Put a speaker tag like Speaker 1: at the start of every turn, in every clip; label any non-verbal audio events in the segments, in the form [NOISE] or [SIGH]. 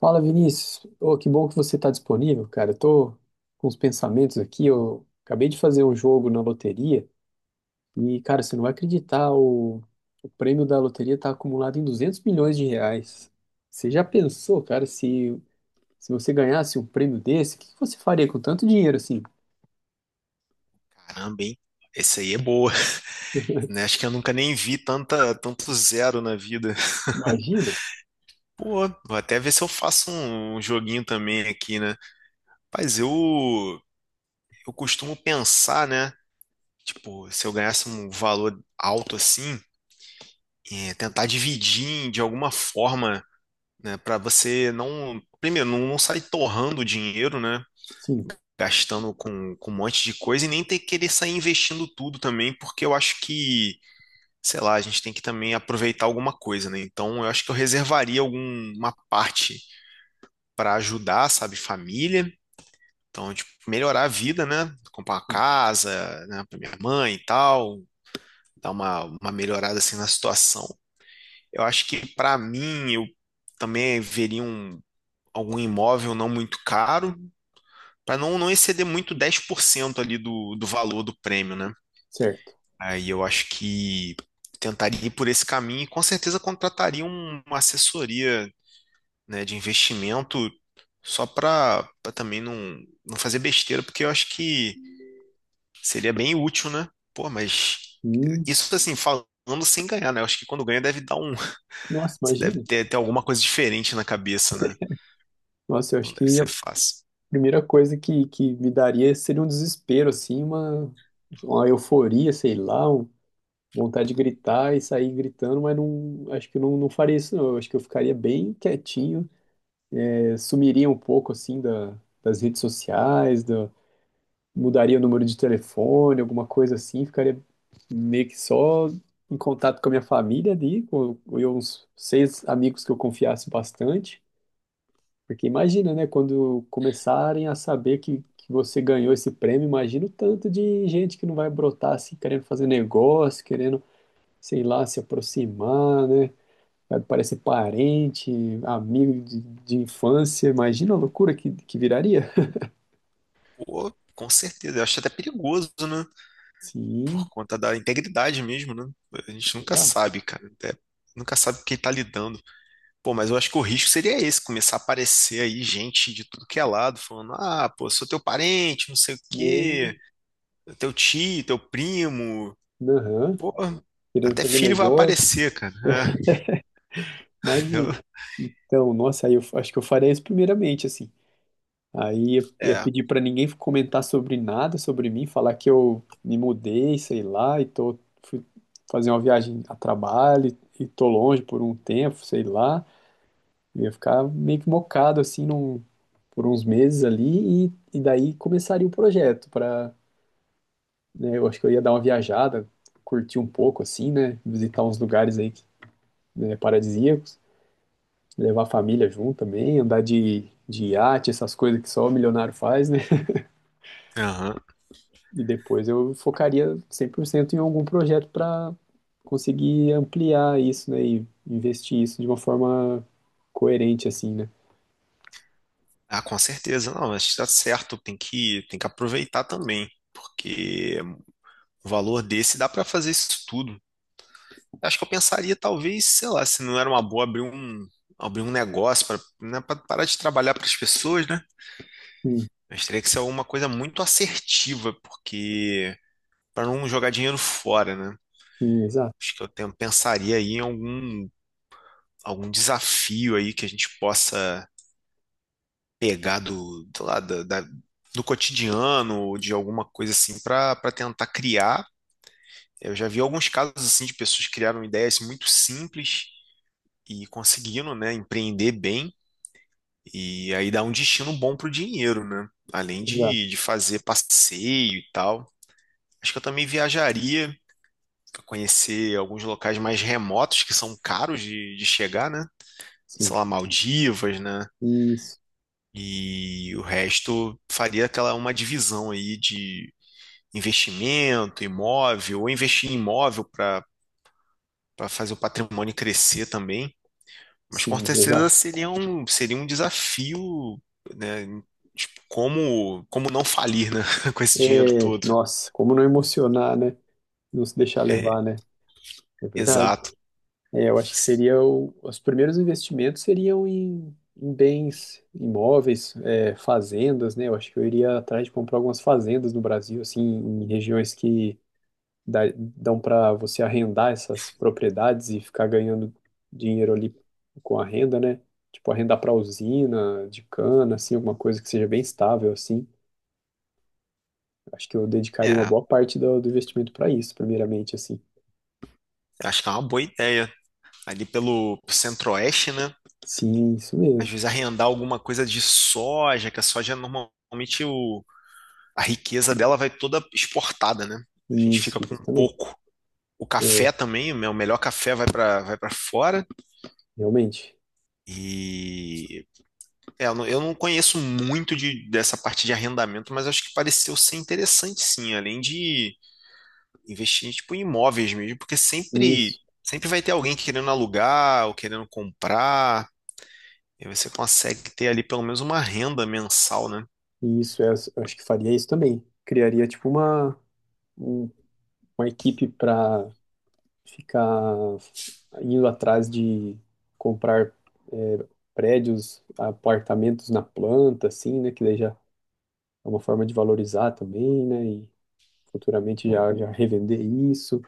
Speaker 1: Fala, Vinícius. Ô, que bom que você está disponível, cara. Eu tô com os pensamentos aqui. Eu acabei de fazer um jogo na loteria e, cara, você não vai acreditar, o prêmio da loteria está acumulado em R$ 200 milhões. Você já pensou, cara, se você ganhasse um prêmio desse, o que que você faria com tanto dinheiro assim?
Speaker 2: Caramba, hein? Esse aí é boa, [LAUGHS]
Speaker 1: [LAUGHS]
Speaker 2: né? Acho que eu nunca nem vi tanto zero na vida.
Speaker 1: Imagina?
Speaker 2: Pô, vou até ver se eu faço um joguinho também aqui, né? Mas eu, eu costumo pensar, né? Tipo, se eu ganhasse um valor alto assim, tentar de alguma forma, né? Pra você não, primeiro, não sair torrando o dinheiro, né?
Speaker 1: Sim,
Speaker 2: Gastando com um monte de coisa e nem ter que querer sair investindo tudo também, porque eu acho que sei lá, a gente tem que também aproveitar alguma coisa, né? Então, eu acho que eu reservaria alguma parte para ajudar, sabe, família. Então, tipo, melhorar a vida, né? Comprar uma casa, né, para minha mãe e tal, dar uma melhorada assim na situação. Eu acho que para mim, eu também algum imóvel não muito caro, para não, não exceder muito 10% ali do valor do prêmio, né?
Speaker 1: certo.
Speaker 2: Aí eu acho que tentaria ir por esse caminho e com certeza contrataria uma assessoria, né, de investimento só para também não, não fazer besteira, porque eu acho que seria bem útil, né? Pô, mas
Speaker 1: Hum,
Speaker 2: isso assim, falando sem ganhar, né? Eu acho que quando ganha deve dar um.
Speaker 1: nossa,
Speaker 2: [LAUGHS] Você deve
Speaker 1: imagina.
Speaker 2: ter alguma coisa diferente na cabeça, né?
Speaker 1: Nossa, eu
Speaker 2: Não
Speaker 1: acho
Speaker 2: deve
Speaker 1: que a
Speaker 2: ser fácil.
Speaker 1: primeira coisa que me daria seria um desespero, assim, uma euforia, sei lá, um vontade de gritar e sair gritando, mas não, acho que não faria isso não. Eu acho que eu ficaria bem quietinho, sumiria um pouco assim da, das redes sociais, mudaria o número de telefone, alguma coisa assim, ficaria meio que só em contato com a minha família ali, com eu, uns seis amigos que eu confiasse bastante. Porque imagina, né, quando começarem a saber que você ganhou esse prêmio, imagina o tanto de gente que não vai brotar assim, querendo fazer negócio, querendo sei lá, se aproximar, né? Vai parecer parente, amigo de infância. Imagina a loucura que viraria.
Speaker 2: Pô, com certeza. Eu acho até perigoso, né? Por
Speaker 1: Sim,
Speaker 2: conta da integridade mesmo, né? A gente nunca
Speaker 1: exato.
Speaker 2: sabe, cara. Nunca sabe com quem tá lidando. Pô, mas eu acho que o risco seria esse, começar a aparecer aí gente de tudo que é lado, falando, ah, pô, sou teu parente, não sei o quê,
Speaker 1: Né?
Speaker 2: teu tio, teu primo,
Speaker 1: Aham.
Speaker 2: pô,
Speaker 1: Querendo
Speaker 2: até
Speaker 1: fazer
Speaker 2: filho vai
Speaker 1: negócio.
Speaker 2: aparecer, cara.
Speaker 1: Mas,
Speaker 2: [LAUGHS]
Speaker 1: então, nossa, aí eu acho que eu faria isso primeiramente, assim. Aí ia,
Speaker 2: É,
Speaker 1: ia
Speaker 2: eu- é,
Speaker 1: pedir pra ninguém comentar sobre nada, sobre mim, falar que eu me mudei, sei lá, e fui fazer uma viagem a trabalho e tô longe por um tempo, sei lá. Eu ia ficar meio que mocado assim por uns meses ali e daí começaria o projeto para, né, eu acho que eu ia dar uma viajada, curtir um pouco assim, né, visitar uns lugares aí, né, paradisíacos, levar a família junto também, andar de iate, essas coisas que só o milionário faz, né?
Speaker 2: aham.
Speaker 1: E depois eu focaria 100% em algum projeto para conseguir ampliar isso, né, e investir isso de uma forma coerente assim, né?
Speaker 2: Ah, com certeza, não, mas tá certo, tem que aproveitar também, porque o valor desse dá pra fazer isso tudo. Acho que eu pensaria, talvez, sei lá, se não era uma boa abrir um negócio para, né, para parar de trabalhar para as pessoas, né?
Speaker 1: Sim,
Speaker 2: Mas teria que ser alguma coisa muito assertiva, porque para não jogar dinheiro fora, né?
Speaker 1: sim, exato,
Speaker 2: Acho que pensaria aí em algum desafio aí que a gente possa pegar lá, do cotidiano, ou de alguma coisa assim, para tentar criar. Eu já vi alguns casos assim de pessoas que criaram ideias muito simples e conseguiram, né, empreender bem. E aí dá um destino bom pro dinheiro, né? Além
Speaker 1: exato,
Speaker 2: de fazer passeio e tal. Acho que eu também viajaria para conhecer alguns locais mais remotos que são caros de chegar, né? Sei
Speaker 1: sim.
Speaker 2: lá, Maldivas, né?
Speaker 1: Isso.
Speaker 2: E o resto faria aquela uma divisão aí de investimento, imóvel, ou investir em imóvel para fazer o patrimônio crescer também. Mas com
Speaker 1: Sim,
Speaker 2: certeza
Speaker 1: exato.
Speaker 2: seria um desafio, né? Tipo, como não falir, né? [LAUGHS] Com esse dinheiro
Speaker 1: É,
Speaker 2: todo.
Speaker 1: nossa, como não emocionar, né? Não se deixar
Speaker 2: É,
Speaker 1: levar, né? É verdade.
Speaker 2: exato.
Speaker 1: É, eu acho que
Speaker 2: Sim.
Speaker 1: seria os primeiros investimentos seriam em bens imóveis, fazendas, né? Eu acho que eu iria atrás de comprar algumas fazendas no Brasil, assim, em regiões que dão para você arrendar essas propriedades e ficar ganhando dinheiro ali com a renda, né? Tipo, arrendar para usina de cana, assim, alguma coisa que seja bem estável, assim. Acho que eu dedicaria uma
Speaker 2: É,
Speaker 1: boa parte do investimento para isso, primeiramente, assim.
Speaker 2: acho que é uma boa ideia. Ali pelo centro-oeste, né?
Speaker 1: Sim, isso
Speaker 2: Às
Speaker 1: mesmo.
Speaker 2: vezes arrendar alguma coisa de soja, que a soja normalmente a riqueza dela vai toda exportada, né? A gente fica
Speaker 1: Isso,
Speaker 2: com
Speaker 1: isso também.
Speaker 2: pouco. O
Speaker 1: É,
Speaker 2: café também, o meu melhor café vai para vai para fora.
Speaker 1: realmente.
Speaker 2: E é, eu não conheço muito dessa parte de arrendamento, mas acho que pareceu ser interessante sim, além de investir tipo, em imóveis mesmo, porque sempre,
Speaker 1: Isso,
Speaker 2: sempre vai ter alguém querendo alugar ou querendo comprar, e você consegue ter ali pelo menos uma renda mensal, né?
Speaker 1: isso. Eu acho que faria isso também. Criaria, tipo, um- uma equipe para ficar indo atrás de comprar é, prédios, apartamentos na planta, assim, né? Que daí já é uma forma de valorizar também, né? E futuramente já, já revender isso.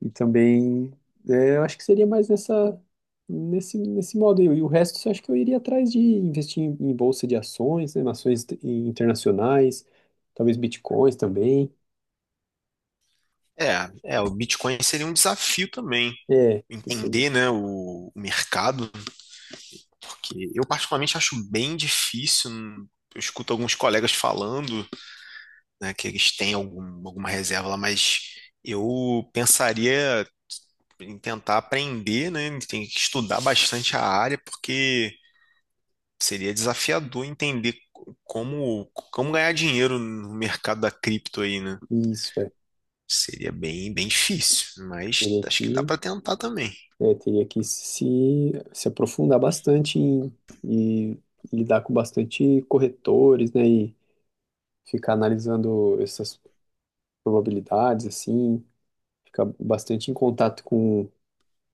Speaker 1: E também, eu acho que seria mais nesse modo aí. E o resto, eu acho que eu iria atrás de investir em bolsa de ações, né, ações internacionais, talvez bitcoins também.
Speaker 2: É, é, o Bitcoin seria um desafio também,
Speaker 1: É, isso aí.
Speaker 2: entender, né, o mercado, porque eu particularmente acho bem difícil, eu escuto alguns colegas falando né, que eles têm alguma reserva lá, mas eu pensaria em tentar aprender, né? Tem que estudar bastante a área, porque seria desafiador entender como, como ganhar dinheiro no mercado da cripto aí, né?
Speaker 1: Isso, é.
Speaker 2: Seria bem difícil, mas
Speaker 1: Teria
Speaker 2: acho que dá
Speaker 1: que,
Speaker 2: para tentar também.
Speaker 1: teria que se aprofundar bastante e lidar com bastante corretores, né? E ficar analisando essas probabilidades, assim, ficar bastante em contato com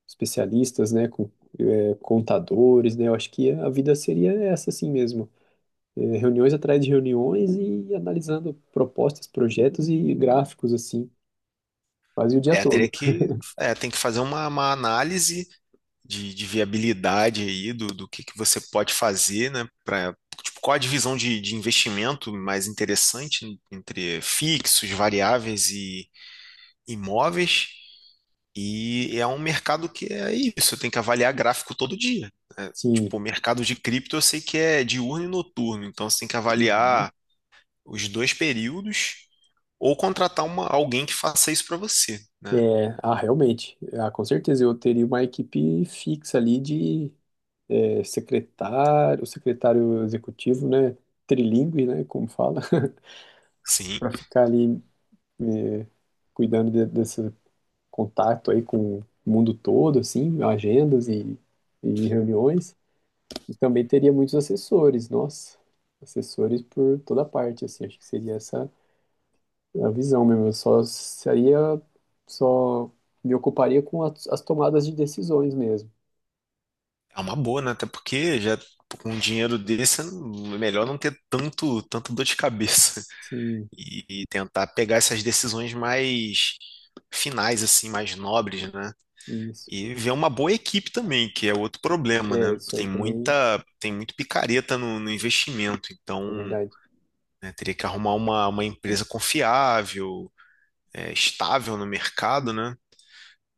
Speaker 1: especialistas, né, com contadores, né? Eu acho que a vida seria essa assim mesmo. É, reuniões atrás de reuniões e analisando propostas, projetos e gráficos, assim, quase o dia
Speaker 2: É, teria
Speaker 1: todo.
Speaker 2: que, é, tem que fazer uma análise de viabilidade aí do que você pode fazer, né? Pra, tipo, qual a divisão de investimento mais interessante entre fixos, variáveis e imóveis? E é um mercado que é isso, eu tenho que avaliar gráfico todo dia. Né?
Speaker 1: Sim.
Speaker 2: Tipo, o mercado de cripto eu sei que é diurno e noturno, então você tem que
Speaker 1: Uhum.
Speaker 2: avaliar os dois períodos ou contratar uma, alguém que faça isso para você, né?
Speaker 1: É, ah, realmente. Ah, com certeza eu teria uma equipe fixa ali de secretário, secretário executivo, né? Trilingue, né? Como fala, [LAUGHS]
Speaker 2: Sim,
Speaker 1: para ficar ali é, cuidando contato aí com o mundo todo, assim, agendas e reuniões. E também teria muitos assessores, nossa, assessores por toda parte, assim, acho que seria essa a visão mesmo. Eu só me ocuparia com as, as tomadas de decisões mesmo.
Speaker 2: é uma boa, né? Até porque já com um dinheiro desse é melhor não ter tanto dor de cabeça
Speaker 1: Sim,
Speaker 2: [LAUGHS] e tentar pegar essas decisões mais finais, assim, mais nobres, né?
Speaker 1: isso.
Speaker 2: E ver uma boa equipe também, que é outro problema,
Speaker 1: É,
Speaker 2: né?
Speaker 1: isso aí também
Speaker 2: Tem muito picareta no investimento,
Speaker 1: é
Speaker 2: então
Speaker 1: verdade.
Speaker 2: né, teria que arrumar uma empresa confiável, é, estável no mercado, né?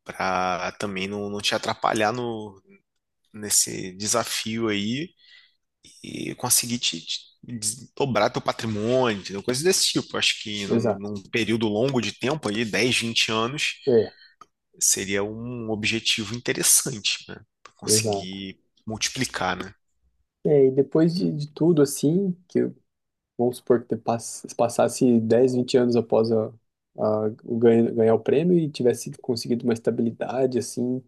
Speaker 2: Para também não, não te atrapalhar no, nesse desafio aí e conseguir te dobrar teu patrimônio, entendeu? Coisas desse tipo. Acho que
Speaker 1: Exato.
Speaker 2: num período longo de tempo, ali, 10 20 anos,
Speaker 1: É,
Speaker 2: seria um objetivo interessante, né? Pra
Speaker 1: exato.
Speaker 2: conseguir multiplicar, né?
Speaker 1: É, e depois de tudo, assim, que vamos supor que te passasse 10 20 anos após ganhar o prêmio e tivesse conseguido uma estabilidade, assim,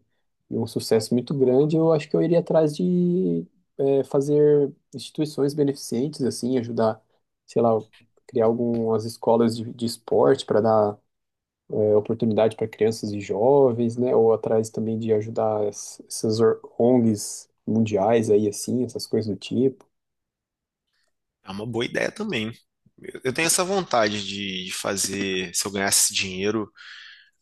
Speaker 1: e um sucesso muito grande, eu acho que eu iria atrás de fazer instituições beneficentes, assim, ajudar, sei lá, criar algumas escolas de esporte para dar oportunidade para crianças e jovens, né? Ou atrás também de ajudar essas ONGs mundiais aí, assim, essas coisas do tipo.
Speaker 2: É uma boa ideia também. Eu tenho essa vontade de fazer, se eu ganhasse dinheiro,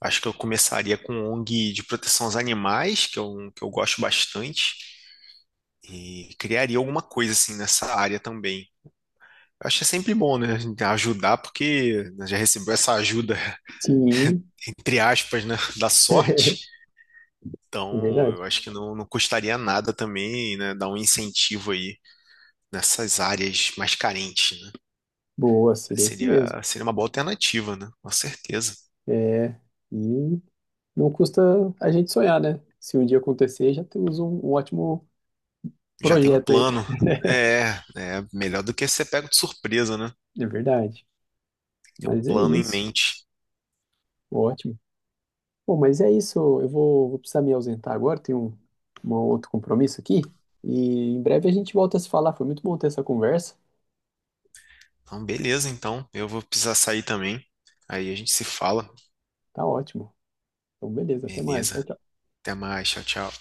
Speaker 2: acho que eu começaria com ONG de proteção aos animais, que é um que eu gosto bastante, e criaria alguma coisa assim nessa área também. Acho que é sempre bom, né? A gente ajudar, porque né, já recebeu essa ajuda,
Speaker 1: Sim,
Speaker 2: [LAUGHS] entre aspas, né? Da
Speaker 1: [LAUGHS] é
Speaker 2: sorte. Então,
Speaker 1: verdade.
Speaker 2: eu acho que não, não custaria nada também, né? Dar um incentivo aí nessas áreas mais carentes, né?
Speaker 1: Boa, seria isso mesmo.
Speaker 2: Seria, seria uma boa alternativa, né? Com certeza.
Speaker 1: É, e não custa a gente sonhar, né? Se um dia acontecer, já temos um ótimo
Speaker 2: Já tem um
Speaker 1: projeto aí.
Speaker 2: plano.
Speaker 1: [LAUGHS]
Speaker 2: É, é melhor do que ser pego de surpresa, né?
Speaker 1: É verdade.
Speaker 2: Tem um
Speaker 1: Mas é
Speaker 2: plano em
Speaker 1: isso.
Speaker 2: mente.
Speaker 1: Ótimo. Bom, mas é isso. Eu vou precisar me ausentar agora. Tenho um outro compromisso aqui. E em breve a gente volta a se falar. Foi muito bom ter essa conversa.
Speaker 2: Então, beleza, então. Eu vou precisar sair também. Aí a gente se fala.
Speaker 1: Tá ótimo. Então, beleza. Até mais. Tchau,
Speaker 2: Beleza.
Speaker 1: tchau.
Speaker 2: Até mais. Tchau, tchau.